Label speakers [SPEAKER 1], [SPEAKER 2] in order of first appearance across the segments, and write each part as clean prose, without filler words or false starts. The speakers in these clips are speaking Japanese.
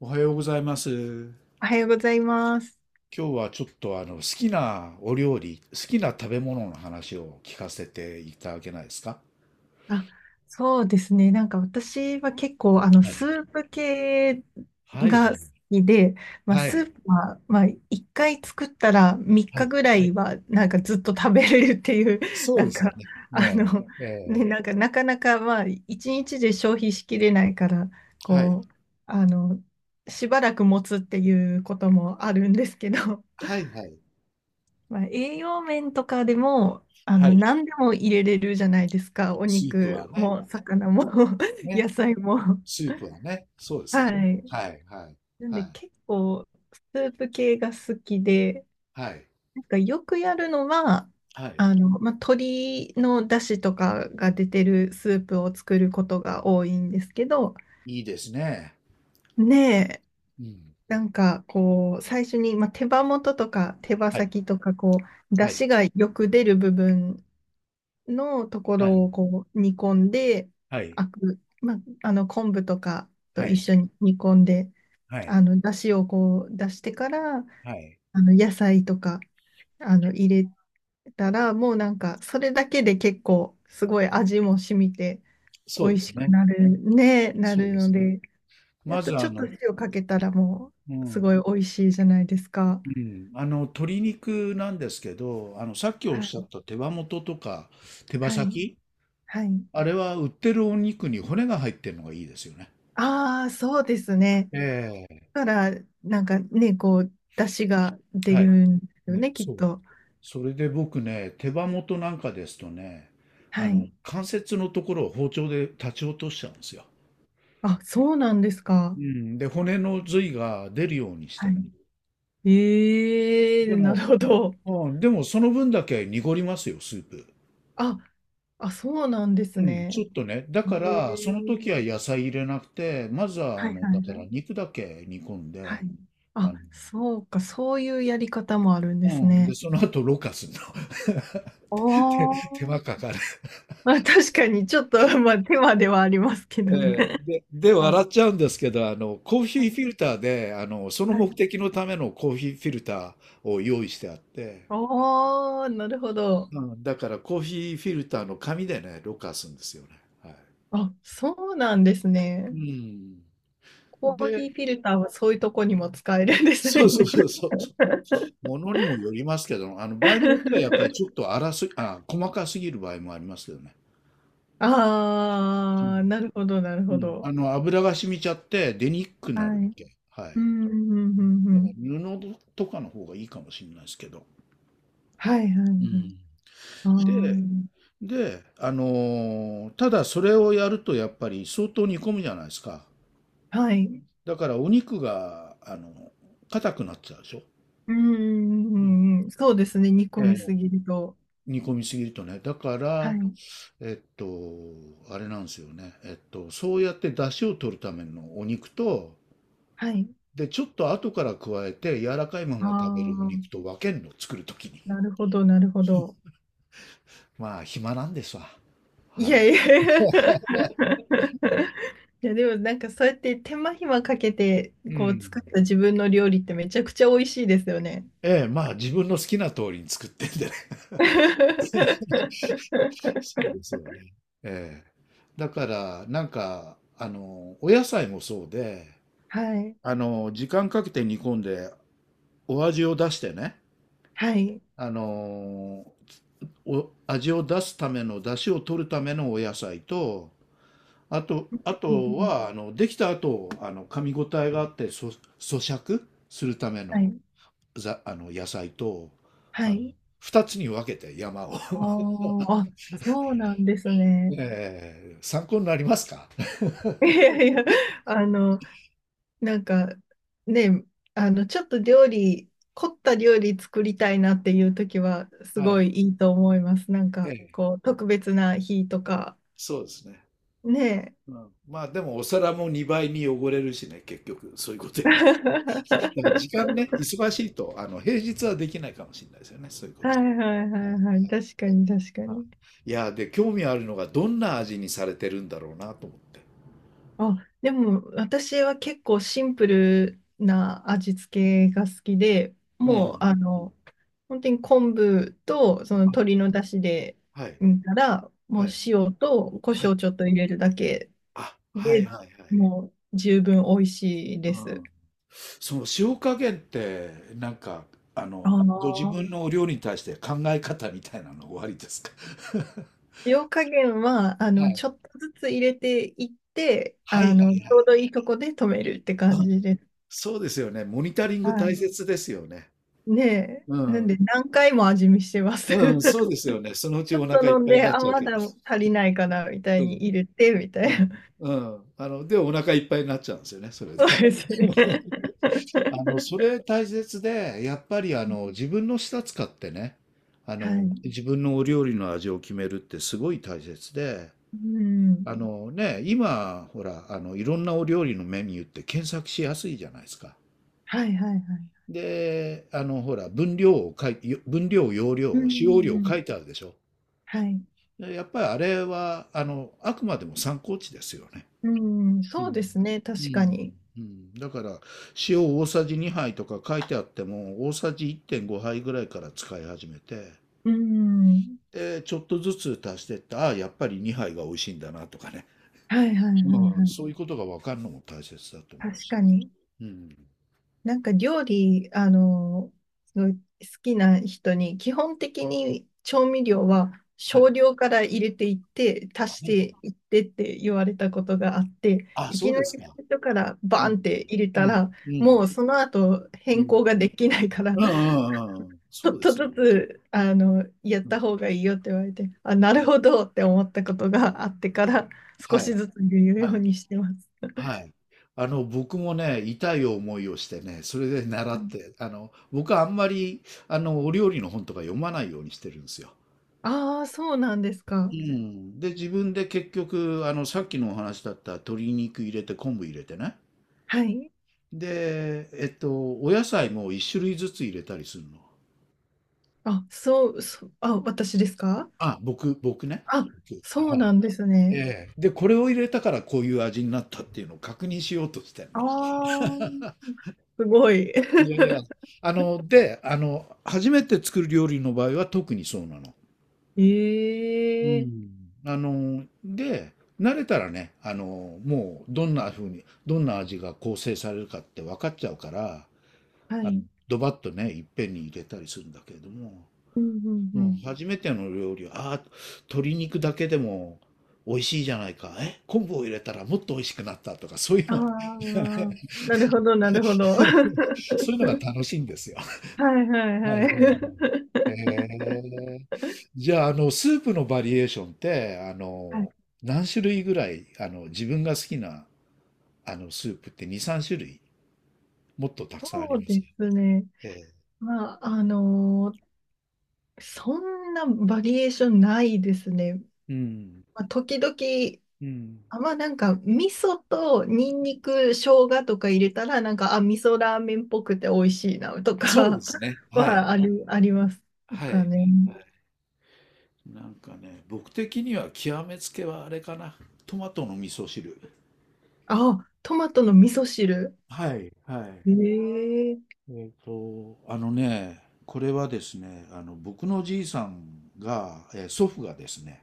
[SPEAKER 1] おはようございます。今
[SPEAKER 2] おはようございます。
[SPEAKER 1] 日はちょっと好きなお料理、好きな食べ物の話を聞かせていただけないですか？
[SPEAKER 2] あ、そうですね。なんか私は結構、
[SPEAKER 1] は
[SPEAKER 2] ス
[SPEAKER 1] い。
[SPEAKER 2] ープ系
[SPEAKER 1] はい。はい。
[SPEAKER 2] が好きで、まあ、
[SPEAKER 1] は
[SPEAKER 2] ス
[SPEAKER 1] い。
[SPEAKER 2] ープは、まあ、1回作ったら3
[SPEAKER 1] は
[SPEAKER 2] 日
[SPEAKER 1] い。
[SPEAKER 2] ぐらいは、なんかずっと食べれるっていう、
[SPEAKER 1] そ
[SPEAKER 2] な
[SPEAKER 1] うで
[SPEAKER 2] ん
[SPEAKER 1] すよ
[SPEAKER 2] か、
[SPEAKER 1] ね。
[SPEAKER 2] あの、
[SPEAKER 1] ええ、え
[SPEAKER 2] ね、
[SPEAKER 1] え、
[SPEAKER 2] なんか、なかなか、まあ、1日で消費しきれないから、
[SPEAKER 1] はい。
[SPEAKER 2] こう、あの、しばらく持つっていうこともあるんですけど、
[SPEAKER 1] はい、はい。
[SPEAKER 2] まあ、栄養面とかでも、
[SPEAKER 1] はい。
[SPEAKER 2] 何でも入れれるじゃないですか。お
[SPEAKER 1] スープは
[SPEAKER 2] 肉
[SPEAKER 1] ね。
[SPEAKER 2] も、魚も、
[SPEAKER 1] ね。
[SPEAKER 2] 野菜も。
[SPEAKER 1] スープはね。そうですよ
[SPEAKER 2] は
[SPEAKER 1] ね。
[SPEAKER 2] い。
[SPEAKER 1] はい、はい。
[SPEAKER 2] なん
[SPEAKER 1] は
[SPEAKER 2] で
[SPEAKER 1] い。
[SPEAKER 2] 結構、スープ系が好きで、
[SPEAKER 1] はい。
[SPEAKER 2] なんかよくやるのは、
[SPEAKER 1] はい。
[SPEAKER 2] まあ、鶏の出汁とかが出てるスープを作ることが多いんですけど、
[SPEAKER 1] いいですね。
[SPEAKER 2] ねえ、
[SPEAKER 1] うん。
[SPEAKER 2] なんかこう、最初に、まあ、手羽元とか手羽
[SPEAKER 1] はい。
[SPEAKER 2] 先とか、こう、出
[SPEAKER 1] はい。
[SPEAKER 2] 汁がよく出る部分のとこ
[SPEAKER 1] はい。
[SPEAKER 2] ろをこう煮込んで、
[SPEAKER 1] はい。
[SPEAKER 2] まあ、昆布とかと
[SPEAKER 1] は
[SPEAKER 2] 一
[SPEAKER 1] い。
[SPEAKER 2] 緒に煮込んで、
[SPEAKER 1] はい。
[SPEAKER 2] 出汁をこう出してから、
[SPEAKER 1] はい。
[SPEAKER 2] 野菜とか入れたら、もうなんかそれだけで結構すごい味も染みて
[SPEAKER 1] そ
[SPEAKER 2] 美
[SPEAKER 1] う
[SPEAKER 2] 味
[SPEAKER 1] です
[SPEAKER 2] しく
[SPEAKER 1] ね。
[SPEAKER 2] なるね、な
[SPEAKER 1] そう
[SPEAKER 2] る
[SPEAKER 1] で
[SPEAKER 2] の
[SPEAKER 1] すね。
[SPEAKER 2] で、あ
[SPEAKER 1] ま
[SPEAKER 2] と
[SPEAKER 1] ず
[SPEAKER 2] ちょ
[SPEAKER 1] あ
[SPEAKER 2] っと
[SPEAKER 1] の、
[SPEAKER 2] 塩かけたらも
[SPEAKER 1] う
[SPEAKER 2] うすご
[SPEAKER 1] ん、
[SPEAKER 2] い美味しいじゃないですか。
[SPEAKER 1] うん、あの鶏肉なんですけど、あのさっきおっ
[SPEAKER 2] は
[SPEAKER 1] しゃっ
[SPEAKER 2] い。
[SPEAKER 1] た手羽元とか手羽
[SPEAKER 2] はい。
[SPEAKER 1] 先、
[SPEAKER 2] はい。
[SPEAKER 1] あれは売ってるお肉に骨が入ってるのがいいですよね。
[SPEAKER 2] ああ、そうですね。
[SPEAKER 1] え
[SPEAKER 2] から、なんかね、こう、出汁が
[SPEAKER 1] え、
[SPEAKER 2] 出
[SPEAKER 1] はい。
[SPEAKER 2] るんですよ
[SPEAKER 1] ね、
[SPEAKER 2] ね、きっ
[SPEAKER 1] そう。
[SPEAKER 2] と。
[SPEAKER 1] それで僕ね、手羽元なんかですとね、あ
[SPEAKER 2] は
[SPEAKER 1] の
[SPEAKER 2] い。
[SPEAKER 1] 関節のところを包丁で立ち落としちゃうんですよ。
[SPEAKER 2] あ、そうなんですか。
[SPEAKER 1] うん、で骨の髄が出るようにして
[SPEAKER 2] は
[SPEAKER 1] ね。
[SPEAKER 2] い。え
[SPEAKER 1] で
[SPEAKER 2] え、な
[SPEAKER 1] も、
[SPEAKER 2] るほど。
[SPEAKER 1] うん、でもその分だけ濁りますよ、スープ。
[SPEAKER 2] あ、あ、そうなんです
[SPEAKER 1] うん、ちょ
[SPEAKER 2] ね。
[SPEAKER 1] っとね、だか
[SPEAKER 2] え
[SPEAKER 1] ら、その
[SPEAKER 2] え、
[SPEAKER 1] 時は野菜入れなくて、まずは、あ
[SPEAKER 2] はい
[SPEAKER 1] の、
[SPEAKER 2] はい
[SPEAKER 1] だか
[SPEAKER 2] は
[SPEAKER 1] ら
[SPEAKER 2] い。
[SPEAKER 1] 肉だけ煮込ん
[SPEAKER 2] はい。
[SPEAKER 1] で、あ
[SPEAKER 2] あ、
[SPEAKER 1] の、
[SPEAKER 2] そうか、そういうやり方もあるんで
[SPEAKER 1] う
[SPEAKER 2] す
[SPEAKER 1] ん、で、
[SPEAKER 2] ね。
[SPEAKER 1] その後、ろ過するの。手、
[SPEAKER 2] お
[SPEAKER 1] 手
[SPEAKER 2] ー。
[SPEAKER 1] 間かかる。
[SPEAKER 2] まあ、確かに、ちょっと、まあ、手間ではありますけ どね。
[SPEAKER 1] えで、
[SPEAKER 2] まあ、
[SPEAKER 1] 笑っちゃうんですけど、あの、コーヒ
[SPEAKER 2] は
[SPEAKER 1] ーフ
[SPEAKER 2] い。
[SPEAKER 1] ィルターで、あの、その
[SPEAKER 2] は
[SPEAKER 1] 目
[SPEAKER 2] い。
[SPEAKER 1] 的のためのコーヒーフィルターを用意してあって、
[SPEAKER 2] おー、なるほど。
[SPEAKER 1] うん、だからコーヒーフィルターの紙でね、ろ過するんですよね。はい。
[SPEAKER 2] あ、そうなんです
[SPEAKER 1] う
[SPEAKER 2] ね。
[SPEAKER 1] ん。
[SPEAKER 2] コーヒ
[SPEAKER 1] で、
[SPEAKER 2] ーフィルターはそういうとこにも使えるんです
[SPEAKER 1] そう
[SPEAKER 2] ね。
[SPEAKER 1] そうそうそう。ものにもよりますけど、あの場合によってはやっぱりちょっ と粗す、あ、細かすぎる場合もありますけどね。
[SPEAKER 2] ああ、な
[SPEAKER 1] う
[SPEAKER 2] るほど、なる
[SPEAKER 1] ん。
[SPEAKER 2] ほ
[SPEAKER 1] うん。
[SPEAKER 2] ど。
[SPEAKER 1] あの油が染みちゃって出にくく
[SPEAKER 2] は
[SPEAKER 1] なるん
[SPEAKER 2] い。
[SPEAKER 1] で、はい。
[SPEAKER 2] うん、うん、うん、う
[SPEAKER 1] だから
[SPEAKER 2] ん。
[SPEAKER 1] 布とかの方がいいかもしれないですけど。
[SPEAKER 2] はい、はい、
[SPEAKER 1] う
[SPEAKER 2] はい。
[SPEAKER 1] ん。で、
[SPEAKER 2] あ
[SPEAKER 1] あのーただそれをやるとやっぱり相当煮込むじゃないですか。
[SPEAKER 2] あ、はい。
[SPEAKER 1] だからお肉が、あの、硬くなっちゃうでしょ。
[SPEAKER 2] うん、うん、う
[SPEAKER 1] うん。
[SPEAKER 2] んうん。そうですね。煮込
[SPEAKER 1] え
[SPEAKER 2] み
[SPEAKER 1] え、
[SPEAKER 2] すぎると。
[SPEAKER 1] 煮込みすぎるとね。だか
[SPEAKER 2] は
[SPEAKER 1] ら、
[SPEAKER 2] い、
[SPEAKER 1] えっと、あれなんですよね。えっと、そうやって出汁を取るためのお肉と、
[SPEAKER 2] はい。
[SPEAKER 1] で、ちょっと後から加えて柔らかいま
[SPEAKER 2] あ
[SPEAKER 1] ま食べるお肉
[SPEAKER 2] あ、
[SPEAKER 1] と分けるの、作るときに。
[SPEAKER 2] なるほど、なるほど。
[SPEAKER 1] まあ、暇なんですわ。
[SPEAKER 2] い
[SPEAKER 1] はい。
[SPEAKER 2] やいや。 いや、でもなんかそうやって手間暇かけて、
[SPEAKER 1] う
[SPEAKER 2] こう
[SPEAKER 1] ん。
[SPEAKER 2] 作った自分の料理ってめちゃくちゃ美味しいですよね。
[SPEAKER 1] ええ、まあ、自分の好きな通りに作ってんでね。そ うですよね。ええ。だから、なんか、あの、お野菜もそうで、
[SPEAKER 2] はい。
[SPEAKER 1] あの、時間かけて煮込んで、お味を出してね、
[SPEAKER 2] はい。
[SPEAKER 1] あの、お味を出すための出汁を取るためのお野菜と、あとあ
[SPEAKER 2] うんう
[SPEAKER 1] と
[SPEAKER 2] ん、
[SPEAKER 1] はあのできた後あの噛み応えがあって咀嚼するため
[SPEAKER 2] は
[SPEAKER 1] の
[SPEAKER 2] い。
[SPEAKER 1] あの野菜と、
[SPEAKER 2] は
[SPEAKER 1] あの
[SPEAKER 2] い。
[SPEAKER 1] 2つに分けて山を。
[SPEAKER 2] あーあ、そうなんです ね。
[SPEAKER 1] ええ、参考になりますか？
[SPEAKER 2] いやいや、あの、なんか、ね、ちょっと料理、凝った料理作りたいなっていう時は、す
[SPEAKER 1] は
[SPEAKER 2] ご
[SPEAKER 1] い、
[SPEAKER 2] いいいと思います。なん
[SPEAKER 1] え
[SPEAKER 2] か、
[SPEAKER 1] え、
[SPEAKER 2] こう、特別な日とか、
[SPEAKER 1] そうですね。
[SPEAKER 2] ね
[SPEAKER 1] うん、まあでもお皿も2倍に汚れるしね、結局そういうことやる
[SPEAKER 2] え。
[SPEAKER 1] と。だから時間ね、忙しいと、あの平日はできないかもしれないですよね、そういうこ
[SPEAKER 2] は
[SPEAKER 1] とは。
[SPEAKER 2] いはいはいはい。確かに、確か
[SPEAKER 1] あ、
[SPEAKER 2] に。
[SPEAKER 1] いや、で、興味あるのが、どんな味にされてるんだろうなと思って。
[SPEAKER 2] あ、でも私は結構シンプルな味付けが好きで、
[SPEAKER 1] う
[SPEAKER 2] もう
[SPEAKER 1] ん。
[SPEAKER 2] あ
[SPEAKER 1] うん。
[SPEAKER 2] の、本当に昆布とその
[SPEAKER 1] あ、
[SPEAKER 2] 鶏の出汁で
[SPEAKER 1] はい、
[SPEAKER 2] 煮たら、もう
[SPEAKER 1] はい、
[SPEAKER 2] 塩と胡
[SPEAKER 1] はい。
[SPEAKER 2] 椒ちょっと入れるだけ
[SPEAKER 1] あ、はい
[SPEAKER 2] で、
[SPEAKER 1] はいはい。
[SPEAKER 2] もう十分美味しい
[SPEAKER 1] う
[SPEAKER 2] です。
[SPEAKER 1] ん。その塩加減って、なんか、あ
[SPEAKER 2] あ
[SPEAKER 1] の、ご自
[SPEAKER 2] の、
[SPEAKER 1] 分のお料理に対して考え方みたいなのおありですか？
[SPEAKER 2] 塩加減は、
[SPEAKER 1] はい。
[SPEAKER 2] ちょっとずつ入れていって、
[SPEAKER 1] はいはい
[SPEAKER 2] ち
[SPEAKER 1] は
[SPEAKER 2] ょう
[SPEAKER 1] い。
[SPEAKER 2] どいいとこで止めるって
[SPEAKER 1] う
[SPEAKER 2] 感
[SPEAKER 1] ん、
[SPEAKER 2] じです。
[SPEAKER 1] そうですよね。モニタリング大
[SPEAKER 2] は
[SPEAKER 1] 切ですよね。
[SPEAKER 2] い。ね
[SPEAKER 1] う
[SPEAKER 2] え、なんで
[SPEAKER 1] ん。
[SPEAKER 2] 何回も味見してます。
[SPEAKER 1] うん、そう ですよね。そのうち
[SPEAKER 2] ちょっ
[SPEAKER 1] お
[SPEAKER 2] と
[SPEAKER 1] 腹いっ
[SPEAKER 2] 飲ん
[SPEAKER 1] ぱいに
[SPEAKER 2] で、
[SPEAKER 1] なっ
[SPEAKER 2] あ、
[SPEAKER 1] ちゃう
[SPEAKER 2] ま
[SPEAKER 1] けど。
[SPEAKER 2] だ足りないかな、みた
[SPEAKER 1] う
[SPEAKER 2] いに
[SPEAKER 1] ん。
[SPEAKER 2] 入れて、みた
[SPEAKER 1] う
[SPEAKER 2] いな。
[SPEAKER 1] ん、うん。あの、で、お腹いっぱいになっちゃうんですよね、それ で
[SPEAKER 2] そう
[SPEAKER 1] ね。
[SPEAKER 2] ですね。
[SPEAKER 1] あの、それ大切で、やっぱりあの、自分の舌使ってね、あ
[SPEAKER 2] は
[SPEAKER 1] の、
[SPEAKER 2] い。
[SPEAKER 1] 自分のお料理の味を決めるってすごい大切で、
[SPEAKER 2] うん。
[SPEAKER 1] あのね、今、ほら、あの、いろんなお料理のメニューって検索しやすいじゃないですか。
[SPEAKER 2] はいはいはい。
[SPEAKER 1] で、あの、ほら、分量、容
[SPEAKER 2] うん
[SPEAKER 1] 量、
[SPEAKER 2] う
[SPEAKER 1] 使用
[SPEAKER 2] んう
[SPEAKER 1] 量
[SPEAKER 2] ん。
[SPEAKER 1] 書いてあるでしょ。
[SPEAKER 2] はい。
[SPEAKER 1] でやっぱりあれは、あの、あくまでも参考値ですよね。
[SPEAKER 2] うん、
[SPEAKER 1] うん。
[SPEAKER 2] そうですね。
[SPEAKER 1] う
[SPEAKER 2] 確か
[SPEAKER 1] ん。
[SPEAKER 2] に。
[SPEAKER 1] うん。だから、塩大さじ2杯とか書いてあっても、大さじ1.5杯ぐらいから使い始めて、
[SPEAKER 2] うん。
[SPEAKER 1] で、ちょっとずつ足してって、ああ、やっぱり2杯が美味しいんだなとかね。
[SPEAKER 2] はいはいはい
[SPEAKER 1] うん。
[SPEAKER 2] はい。
[SPEAKER 1] そういうことが分かるのも大切だと思う
[SPEAKER 2] 確
[SPEAKER 1] し。
[SPEAKER 2] かに。
[SPEAKER 1] うん。
[SPEAKER 2] なんか料理、すごい好きな人に、基本的に調味料は
[SPEAKER 1] はい。
[SPEAKER 2] 少量から入れていって、
[SPEAKER 1] は
[SPEAKER 2] 足し
[SPEAKER 1] い。
[SPEAKER 2] ていってって言われたことがあって、
[SPEAKER 1] あ、
[SPEAKER 2] い
[SPEAKER 1] そ
[SPEAKER 2] き
[SPEAKER 1] う
[SPEAKER 2] な
[SPEAKER 1] で
[SPEAKER 2] り
[SPEAKER 1] すか。
[SPEAKER 2] 最初から
[SPEAKER 1] う
[SPEAKER 2] バー
[SPEAKER 1] ん。
[SPEAKER 2] ンって入れ
[SPEAKER 1] う
[SPEAKER 2] た
[SPEAKER 1] ん。
[SPEAKER 2] ら、
[SPEAKER 1] う
[SPEAKER 2] も
[SPEAKER 1] ん。
[SPEAKER 2] うその後
[SPEAKER 1] う
[SPEAKER 2] 変
[SPEAKER 1] ん。
[SPEAKER 2] 更ができないから、
[SPEAKER 1] うんう んうんうん。
[SPEAKER 2] ち
[SPEAKER 1] そ
[SPEAKER 2] ょ
[SPEAKER 1] う
[SPEAKER 2] っ
[SPEAKER 1] で
[SPEAKER 2] と
[SPEAKER 1] すよ
[SPEAKER 2] ず
[SPEAKER 1] ね。
[SPEAKER 2] つ、やっ
[SPEAKER 1] うん、
[SPEAKER 2] た方がいいよって言われて、あ、なるほどって思ったことがあってから、少
[SPEAKER 1] はい。
[SPEAKER 2] しずつ言う
[SPEAKER 1] は
[SPEAKER 2] よう
[SPEAKER 1] い。
[SPEAKER 2] にしてます。
[SPEAKER 1] はい。あの、僕もね、痛い思いをしてね、それで習って、あの、僕はあんまり、あの、お料理の本とか読まないようにしてるんですよ。
[SPEAKER 2] ああー、そうなんです
[SPEAKER 1] う
[SPEAKER 2] か。
[SPEAKER 1] ん。で、自分で結局、あの、さっきのお話だった鶏肉入れて昆布入れてね。
[SPEAKER 2] はい。
[SPEAKER 1] で、えっと、お野菜も一種類ずつ入れたりするの。
[SPEAKER 2] あ、そう、そう、あ、私ですか。
[SPEAKER 1] あ、僕ね。
[SPEAKER 2] あ、
[SPEAKER 1] 僕
[SPEAKER 2] そ
[SPEAKER 1] は
[SPEAKER 2] うな
[SPEAKER 1] い。
[SPEAKER 2] んです
[SPEAKER 1] え
[SPEAKER 2] ね。
[SPEAKER 1] え。で、これを入れたからこういう味になったっていうのを確認しようとしてん
[SPEAKER 2] あ
[SPEAKER 1] の。
[SPEAKER 2] あ、すごい。
[SPEAKER 1] いやいや。あの、初めて作る料理の場合は特にそうなの。う
[SPEAKER 2] え
[SPEAKER 1] ん。
[SPEAKER 2] え、
[SPEAKER 1] あの、で、慣れたらね、あの、もうどんな味が構成されるかって分かっちゃうから、
[SPEAKER 2] は
[SPEAKER 1] あの、
[SPEAKER 2] い。
[SPEAKER 1] ドバッとね、いっぺんに入れたりするんだけれども、
[SPEAKER 2] うんうん
[SPEAKER 1] う
[SPEAKER 2] う
[SPEAKER 1] ん、
[SPEAKER 2] ん。
[SPEAKER 1] 初めての料理は、ああ、鶏肉だけでも美味しいじゃないか、え、昆布を入れたらもっと美味しくなったとか、そういう
[SPEAKER 2] あ
[SPEAKER 1] のを
[SPEAKER 2] あ、
[SPEAKER 1] ね。
[SPEAKER 2] なるほど、なるほど。は
[SPEAKER 1] そういうのが楽しいんですよ。
[SPEAKER 2] いはい
[SPEAKER 1] は
[SPEAKER 2] は
[SPEAKER 1] いはい、へ
[SPEAKER 2] い。
[SPEAKER 1] え。じゃあ、あの、スープのバリエーションって、あ
[SPEAKER 2] はい、
[SPEAKER 1] の、何種類ぐらい、あの、自分が好きな、あの、スープって2、3種類、もっとたくさんあ
[SPEAKER 2] そ
[SPEAKER 1] り
[SPEAKER 2] う
[SPEAKER 1] ます
[SPEAKER 2] で
[SPEAKER 1] ね。
[SPEAKER 2] すね。
[SPEAKER 1] ええ。
[SPEAKER 2] まあ、そんなバリエーションないですね。
[SPEAKER 1] うん。
[SPEAKER 2] まあ、時々
[SPEAKER 1] うん。
[SPEAKER 2] あ、まあなんか、味噌とニンニク、生姜とか入れたら、なんか、あ、味噌ラーメンっぽくて美味しいな、と
[SPEAKER 1] そうで
[SPEAKER 2] か。
[SPEAKER 1] すね。はい。
[SPEAKER 2] はあり、あります
[SPEAKER 1] は
[SPEAKER 2] かね。
[SPEAKER 1] い。なんかね、僕的には極めつけはあれかな。トマトの味噌汁。
[SPEAKER 2] あ、トマトの味噌汁。
[SPEAKER 1] はい、はい。
[SPEAKER 2] ええ、
[SPEAKER 1] えっと、あのね、これはですね、あの、僕のおじいさんが、えー祖父がですね、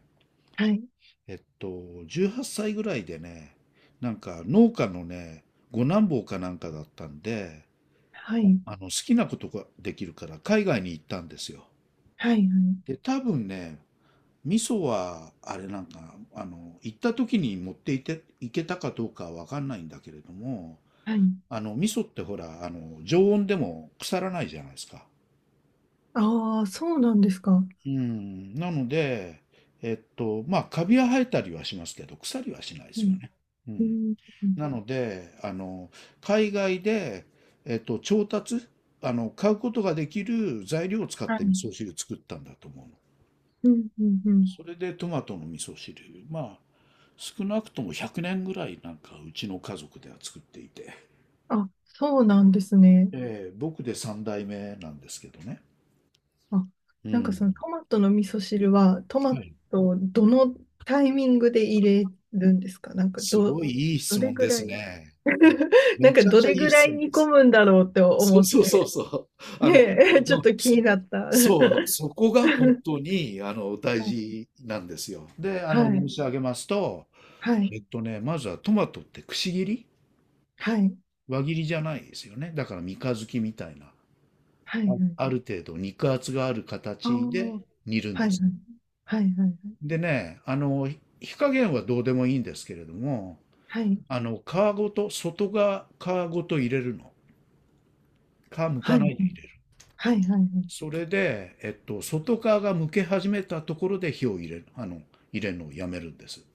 [SPEAKER 2] はい、
[SPEAKER 1] えっと、18歳ぐらいでね、なんか農家のね、五男坊かなんかだったんで、
[SPEAKER 2] はい、
[SPEAKER 1] あの好きなことができるから海外に行ったんですよ。
[SPEAKER 2] はい、
[SPEAKER 1] で、多分ね、味噌はあれなんか、あの、行った時に持っていて、行けたかどうかはわかんないんだけれども、
[SPEAKER 2] はい。
[SPEAKER 1] あの、味噌ってほら、あの、常温でも腐らないじゃないですか。
[SPEAKER 2] ああ、そうなんですか。
[SPEAKER 1] うん、なので、えっと、まあ、カビは生えたりはしますけど、腐りはしないで
[SPEAKER 2] う
[SPEAKER 1] すよ
[SPEAKER 2] ん、
[SPEAKER 1] ね。う
[SPEAKER 2] う
[SPEAKER 1] ん。
[SPEAKER 2] ん、うん、
[SPEAKER 1] なので、あの、海外で、えっと、調達、あの、買うことができる材料を使っ
[SPEAKER 2] は
[SPEAKER 1] て
[SPEAKER 2] い、
[SPEAKER 1] 味噌汁作ったんだと思うの。
[SPEAKER 2] うん、うん、うん。
[SPEAKER 1] それでトマトの味噌汁、まあ、少なくとも100年ぐらいなんかうちの家族では作っていて、
[SPEAKER 2] あ、そうなんですね。
[SPEAKER 1] えー僕で3代目なんですけどね。
[SPEAKER 2] あ、
[SPEAKER 1] う
[SPEAKER 2] なんかそ
[SPEAKER 1] ん。
[SPEAKER 2] のトマトの味噌汁はト
[SPEAKER 1] は
[SPEAKER 2] マ
[SPEAKER 1] い。
[SPEAKER 2] トをどのタイミングで入れるんですか、なんか
[SPEAKER 1] す
[SPEAKER 2] ど、
[SPEAKER 1] ごいいい
[SPEAKER 2] ど
[SPEAKER 1] 質
[SPEAKER 2] れ
[SPEAKER 1] 問
[SPEAKER 2] ぐ
[SPEAKER 1] で
[SPEAKER 2] ら
[SPEAKER 1] す
[SPEAKER 2] い。
[SPEAKER 1] ね。
[SPEAKER 2] な
[SPEAKER 1] め
[SPEAKER 2] んか
[SPEAKER 1] ちゃく
[SPEAKER 2] ど
[SPEAKER 1] ちゃい
[SPEAKER 2] れ
[SPEAKER 1] い
[SPEAKER 2] ぐら
[SPEAKER 1] 質
[SPEAKER 2] い
[SPEAKER 1] 問で
[SPEAKER 2] 煮込
[SPEAKER 1] す。
[SPEAKER 2] むんだろうって
[SPEAKER 1] そう
[SPEAKER 2] 思っ
[SPEAKER 1] そうそ
[SPEAKER 2] て。
[SPEAKER 1] うそう。あの、
[SPEAKER 2] ねえ。ちょっ
[SPEAKER 1] うん
[SPEAKER 2] と気になった。
[SPEAKER 1] そう、そこが本当に、あの、大事なんですよ。で、あの、
[SPEAKER 2] は
[SPEAKER 1] 申し
[SPEAKER 2] い、
[SPEAKER 1] 上げますと、
[SPEAKER 2] はい、
[SPEAKER 1] えっとね、まずはトマトってくし切り、
[SPEAKER 2] はい、
[SPEAKER 1] 輪切りじゃないですよね。だから三日月みたいな、
[SPEAKER 2] はい、はい。
[SPEAKER 1] ある程度肉厚がある
[SPEAKER 2] ああ
[SPEAKER 1] 形で
[SPEAKER 2] ー、
[SPEAKER 1] 煮るん
[SPEAKER 2] は
[SPEAKER 1] で
[SPEAKER 2] い、
[SPEAKER 1] す。
[SPEAKER 2] はい、はい、
[SPEAKER 1] でね、火加減はどうでもいいんですけれども、
[SPEAKER 2] はい、はい、
[SPEAKER 1] 皮ごと、外側皮ごと入れるの。皮む
[SPEAKER 2] は
[SPEAKER 1] か
[SPEAKER 2] い、
[SPEAKER 1] ないで入れる。
[SPEAKER 2] はい、はい、はい。
[SPEAKER 1] それで、外側が剥け始めたところで火を入れるのをやめるんです。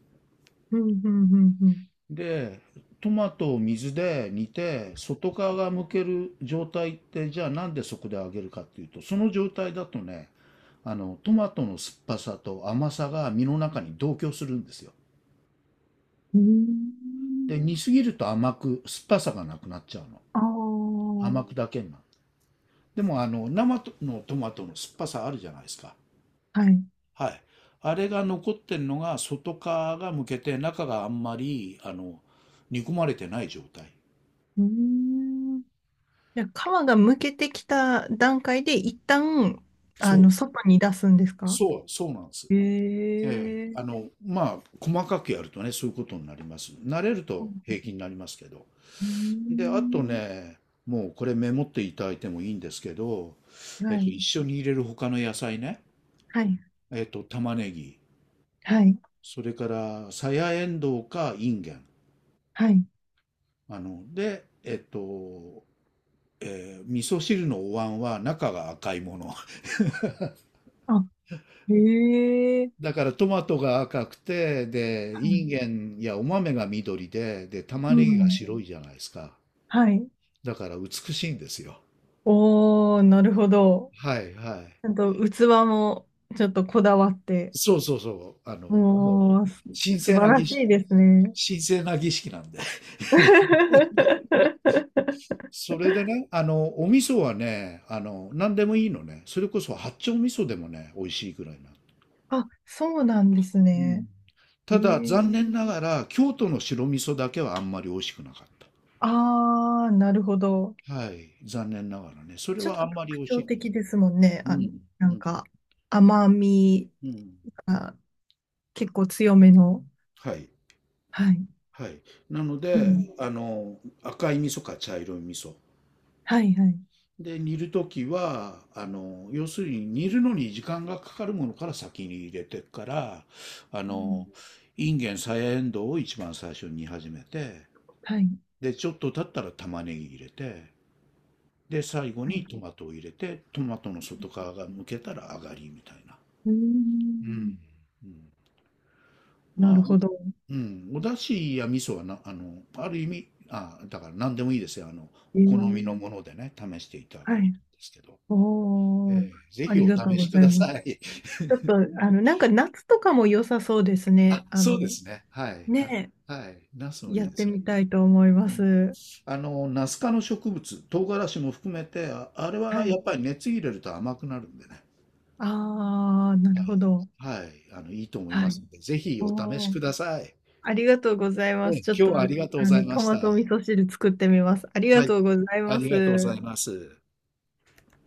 [SPEAKER 2] うん、うん、うん、うん。
[SPEAKER 1] で、トマトを水で煮て、外側が剥ける状態って、じゃあなんでそこで揚げるかっていうと、その状態だとね、トマトの酸っぱさと甘さが身の中に同居するんですよ。
[SPEAKER 2] うーん。
[SPEAKER 1] で、煮すぎると甘く、酸っぱさがなくなっちゃうの。
[SPEAKER 2] ああ、
[SPEAKER 1] 甘くだけになる。でも、生のトマトの酸っぱさあるじゃないですか。
[SPEAKER 2] はい。
[SPEAKER 1] はい。あれが残ってるのが、外側が剥けて、中があんまり、煮込まれてない状態。
[SPEAKER 2] うーん。じゃあ皮がむけてきた段階で一旦、
[SPEAKER 1] そう、
[SPEAKER 2] 外に出すんですか。
[SPEAKER 1] そう、そうなんです。
[SPEAKER 2] へ
[SPEAKER 1] ええ、
[SPEAKER 2] えー。
[SPEAKER 1] まあ、細かくやるとね、そういうことになります。慣れると平気になりますけど。
[SPEAKER 2] うー
[SPEAKER 1] で、あ
[SPEAKER 2] ん。
[SPEAKER 1] とね、もうこれメモっていただいてもいいんですけど、
[SPEAKER 2] はい、
[SPEAKER 1] 一緒に入れる他の野菜ね、
[SPEAKER 2] はい、
[SPEAKER 1] 玉ねぎ、
[SPEAKER 2] はい、
[SPEAKER 1] それから、さやえんどうかいんげん。
[SPEAKER 2] はい、
[SPEAKER 1] あの、で、えっと、えー味噌汁のお椀は中が赤いもの。
[SPEAKER 2] あ、へえ。
[SPEAKER 1] だからトマトが赤くて、で、
[SPEAKER 2] は
[SPEAKER 1] いん
[SPEAKER 2] い。
[SPEAKER 1] げんやお豆が緑で、で、
[SPEAKER 2] う
[SPEAKER 1] 玉ねぎが
[SPEAKER 2] ん、
[SPEAKER 1] 白いじゃないですか。
[SPEAKER 2] はい。
[SPEAKER 1] だから美しいんですよ。
[SPEAKER 2] おー、なるほど。
[SPEAKER 1] はいはい。
[SPEAKER 2] ちゃんと器もちょっとこだわって、
[SPEAKER 1] そうそうそう。もう、
[SPEAKER 2] もう、す
[SPEAKER 1] 神
[SPEAKER 2] 素
[SPEAKER 1] 聖
[SPEAKER 2] 晴
[SPEAKER 1] な
[SPEAKER 2] ら
[SPEAKER 1] 儀
[SPEAKER 2] し
[SPEAKER 1] 式、
[SPEAKER 2] いですね。
[SPEAKER 1] 神聖な儀式なんで。それでね、お味噌はね、何でもいいのね。それこそ八丁味噌でもね、美味しいぐらいな。
[SPEAKER 2] あ、そうなんです
[SPEAKER 1] うん。
[SPEAKER 2] ね。へ
[SPEAKER 1] ただ、
[SPEAKER 2] え。
[SPEAKER 1] 残念ながら、京都の白味噌だけはあんまり美味しくなかっ
[SPEAKER 2] あー、なるほど。
[SPEAKER 1] た。はい。残念ながらね。それ
[SPEAKER 2] ちょっ
[SPEAKER 1] はあ
[SPEAKER 2] と
[SPEAKER 1] んまり
[SPEAKER 2] 特
[SPEAKER 1] 美味し
[SPEAKER 2] 徴
[SPEAKER 1] いと思
[SPEAKER 2] 的ですもんね。
[SPEAKER 1] う。う
[SPEAKER 2] な
[SPEAKER 1] ん。う
[SPEAKER 2] ん
[SPEAKER 1] ん。
[SPEAKER 2] か、甘み
[SPEAKER 1] うん。
[SPEAKER 2] が結構強めの。
[SPEAKER 1] はい。
[SPEAKER 2] はい。
[SPEAKER 1] はい。なの
[SPEAKER 2] う
[SPEAKER 1] で、
[SPEAKER 2] ん。
[SPEAKER 1] 赤い味噌か茶色い味噌。
[SPEAKER 2] はい、はい。
[SPEAKER 1] で、煮るときは、要するに煮るのに時間がかかるものから先に入れてから、あ
[SPEAKER 2] うん。
[SPEAKER 1] の、インゲン、さやえんどうを一番最初に煮始めて、
[SPEAKER 2] はい、
[SPEAKER 1] で、ちょっと経ったら玉ねぎ入れて、で、最後
[SPEAKER 2] は
[SPEAKER 1] に
[SPEAKER 2] い。
[SPEAKER 1] トマトを入れて、トマトの外側が剥けたら上がりみたいな。
[SPEAKER 2] うー
[SPEAKER 1] う
[SPEAKER 2] ん。
[SPEAKER 1] ん。うん、
[SPEAKER 2] な
[SPEAKER 1] ま
[SPEAKER 2] る
[SPEAKER 1] あ、
[SPEAKER 2] ほど。
[SPEAKER 1] うん、お出汁や味噌はな、ある意味、あ、だから何でもいいですよ。
[SPEAKER 2] え
[SPEAKER 1] お好みの
[SPEAKER 2] ー、
[SPEAKER 1] ものでね、試していただけ
[SPEAKER 2] は
[SPEAKER 1] れば
[SPEAKER 2] い。
[SPEAKER 1] いいんですけど。え
[SPEAKER 2] おー。
[SPEAKER 1] え。ぜ
[SPEAKER 2] あ
[SPEAKER 1] ひ
[SPEAKER 2] り
[SPEAKER 1] お
[SPEAKER 2] がとう
[SPEAKER 1] 試
[SPEAKER 2] ご
[SPEAKER 1] しく
[SPEAKER 2] ざい
[SPEAKER 1] だ
[SPEAKER 2] ます。
[SPEAKER 1] さい。
[SPEAKER 2] ちょっと、なんか夏とかも良さそうです
[SPEAKER 1] あ、
[SPEAKER 2] ね。あ
[SPEAKER 1] そ
[SPEAKER 2] の、
[SPEAKER 1] うですね。はい、はい、
[SPEAKER 2] ね
[SPEAKER 1] はい。ナス
[SPEAKER 2] え、
[SPEAKER 1] もい
[SPEAKER 2] や
[SPEAKER 1] い
[SPEAKER 2] っ
[SPEAKER 1] で
[SPEAKER 2] て
[SPEAKER 1] すね。
[SPEAKER 2] みたいと思いま
[SPEAKER 1] うん。
[SPEAKER 2] す。
[SPEAKER 1] ナス科の植物、唐辛子も含めて、あ、あれ
[SPEAKER 2] は
[SPEAKER 1] はや
[SPEAKER 2] い。
[SPEAKER 1] っぱり熱入れると甘くなるんでね。
[SPEAKER 2] ああ、な
[SPEAKER 1] は
[SPEAKER 2] るほ
[SPEAKER 1] い。
[SPEAKER 2] ど。
[SPEAKER 1] はい。いいと思い
[SPEAKER 2] は
[SPEAKER 1] ま
[SPEAKER 2] い。
[SPEAKER 1] すので、ぜひお試し
[SPEAKER 2] おー。
[SPEAKER 1] ください。
[SPEAKER 2] ありがとうございます。
[SPEAKER 1] ね、
[SPEAKER 2] ちょっ
[SPEAKER 1] 今日
[SPEAKER 2] と、
[SPEAKER 1] はありがとうございま
[SPEAKER 2] ト
[SPEAKER 1] し
[SPEAKER 2] マ
[SPEAKER 1] た。
[SPEAKER 2] ト味噌汁作ってみます。あり
[SPEAKER 1] は
[SPEAKER 2] が
[SPEAKER 1] い。
[SPEAKER 2] とうござい
[SPEAKER 1] あ
[SPEAKER 2] ま
[SPEAKER 1] りがとうござい
[SPEAKER 2] す。
[SPEAKER 1] ます。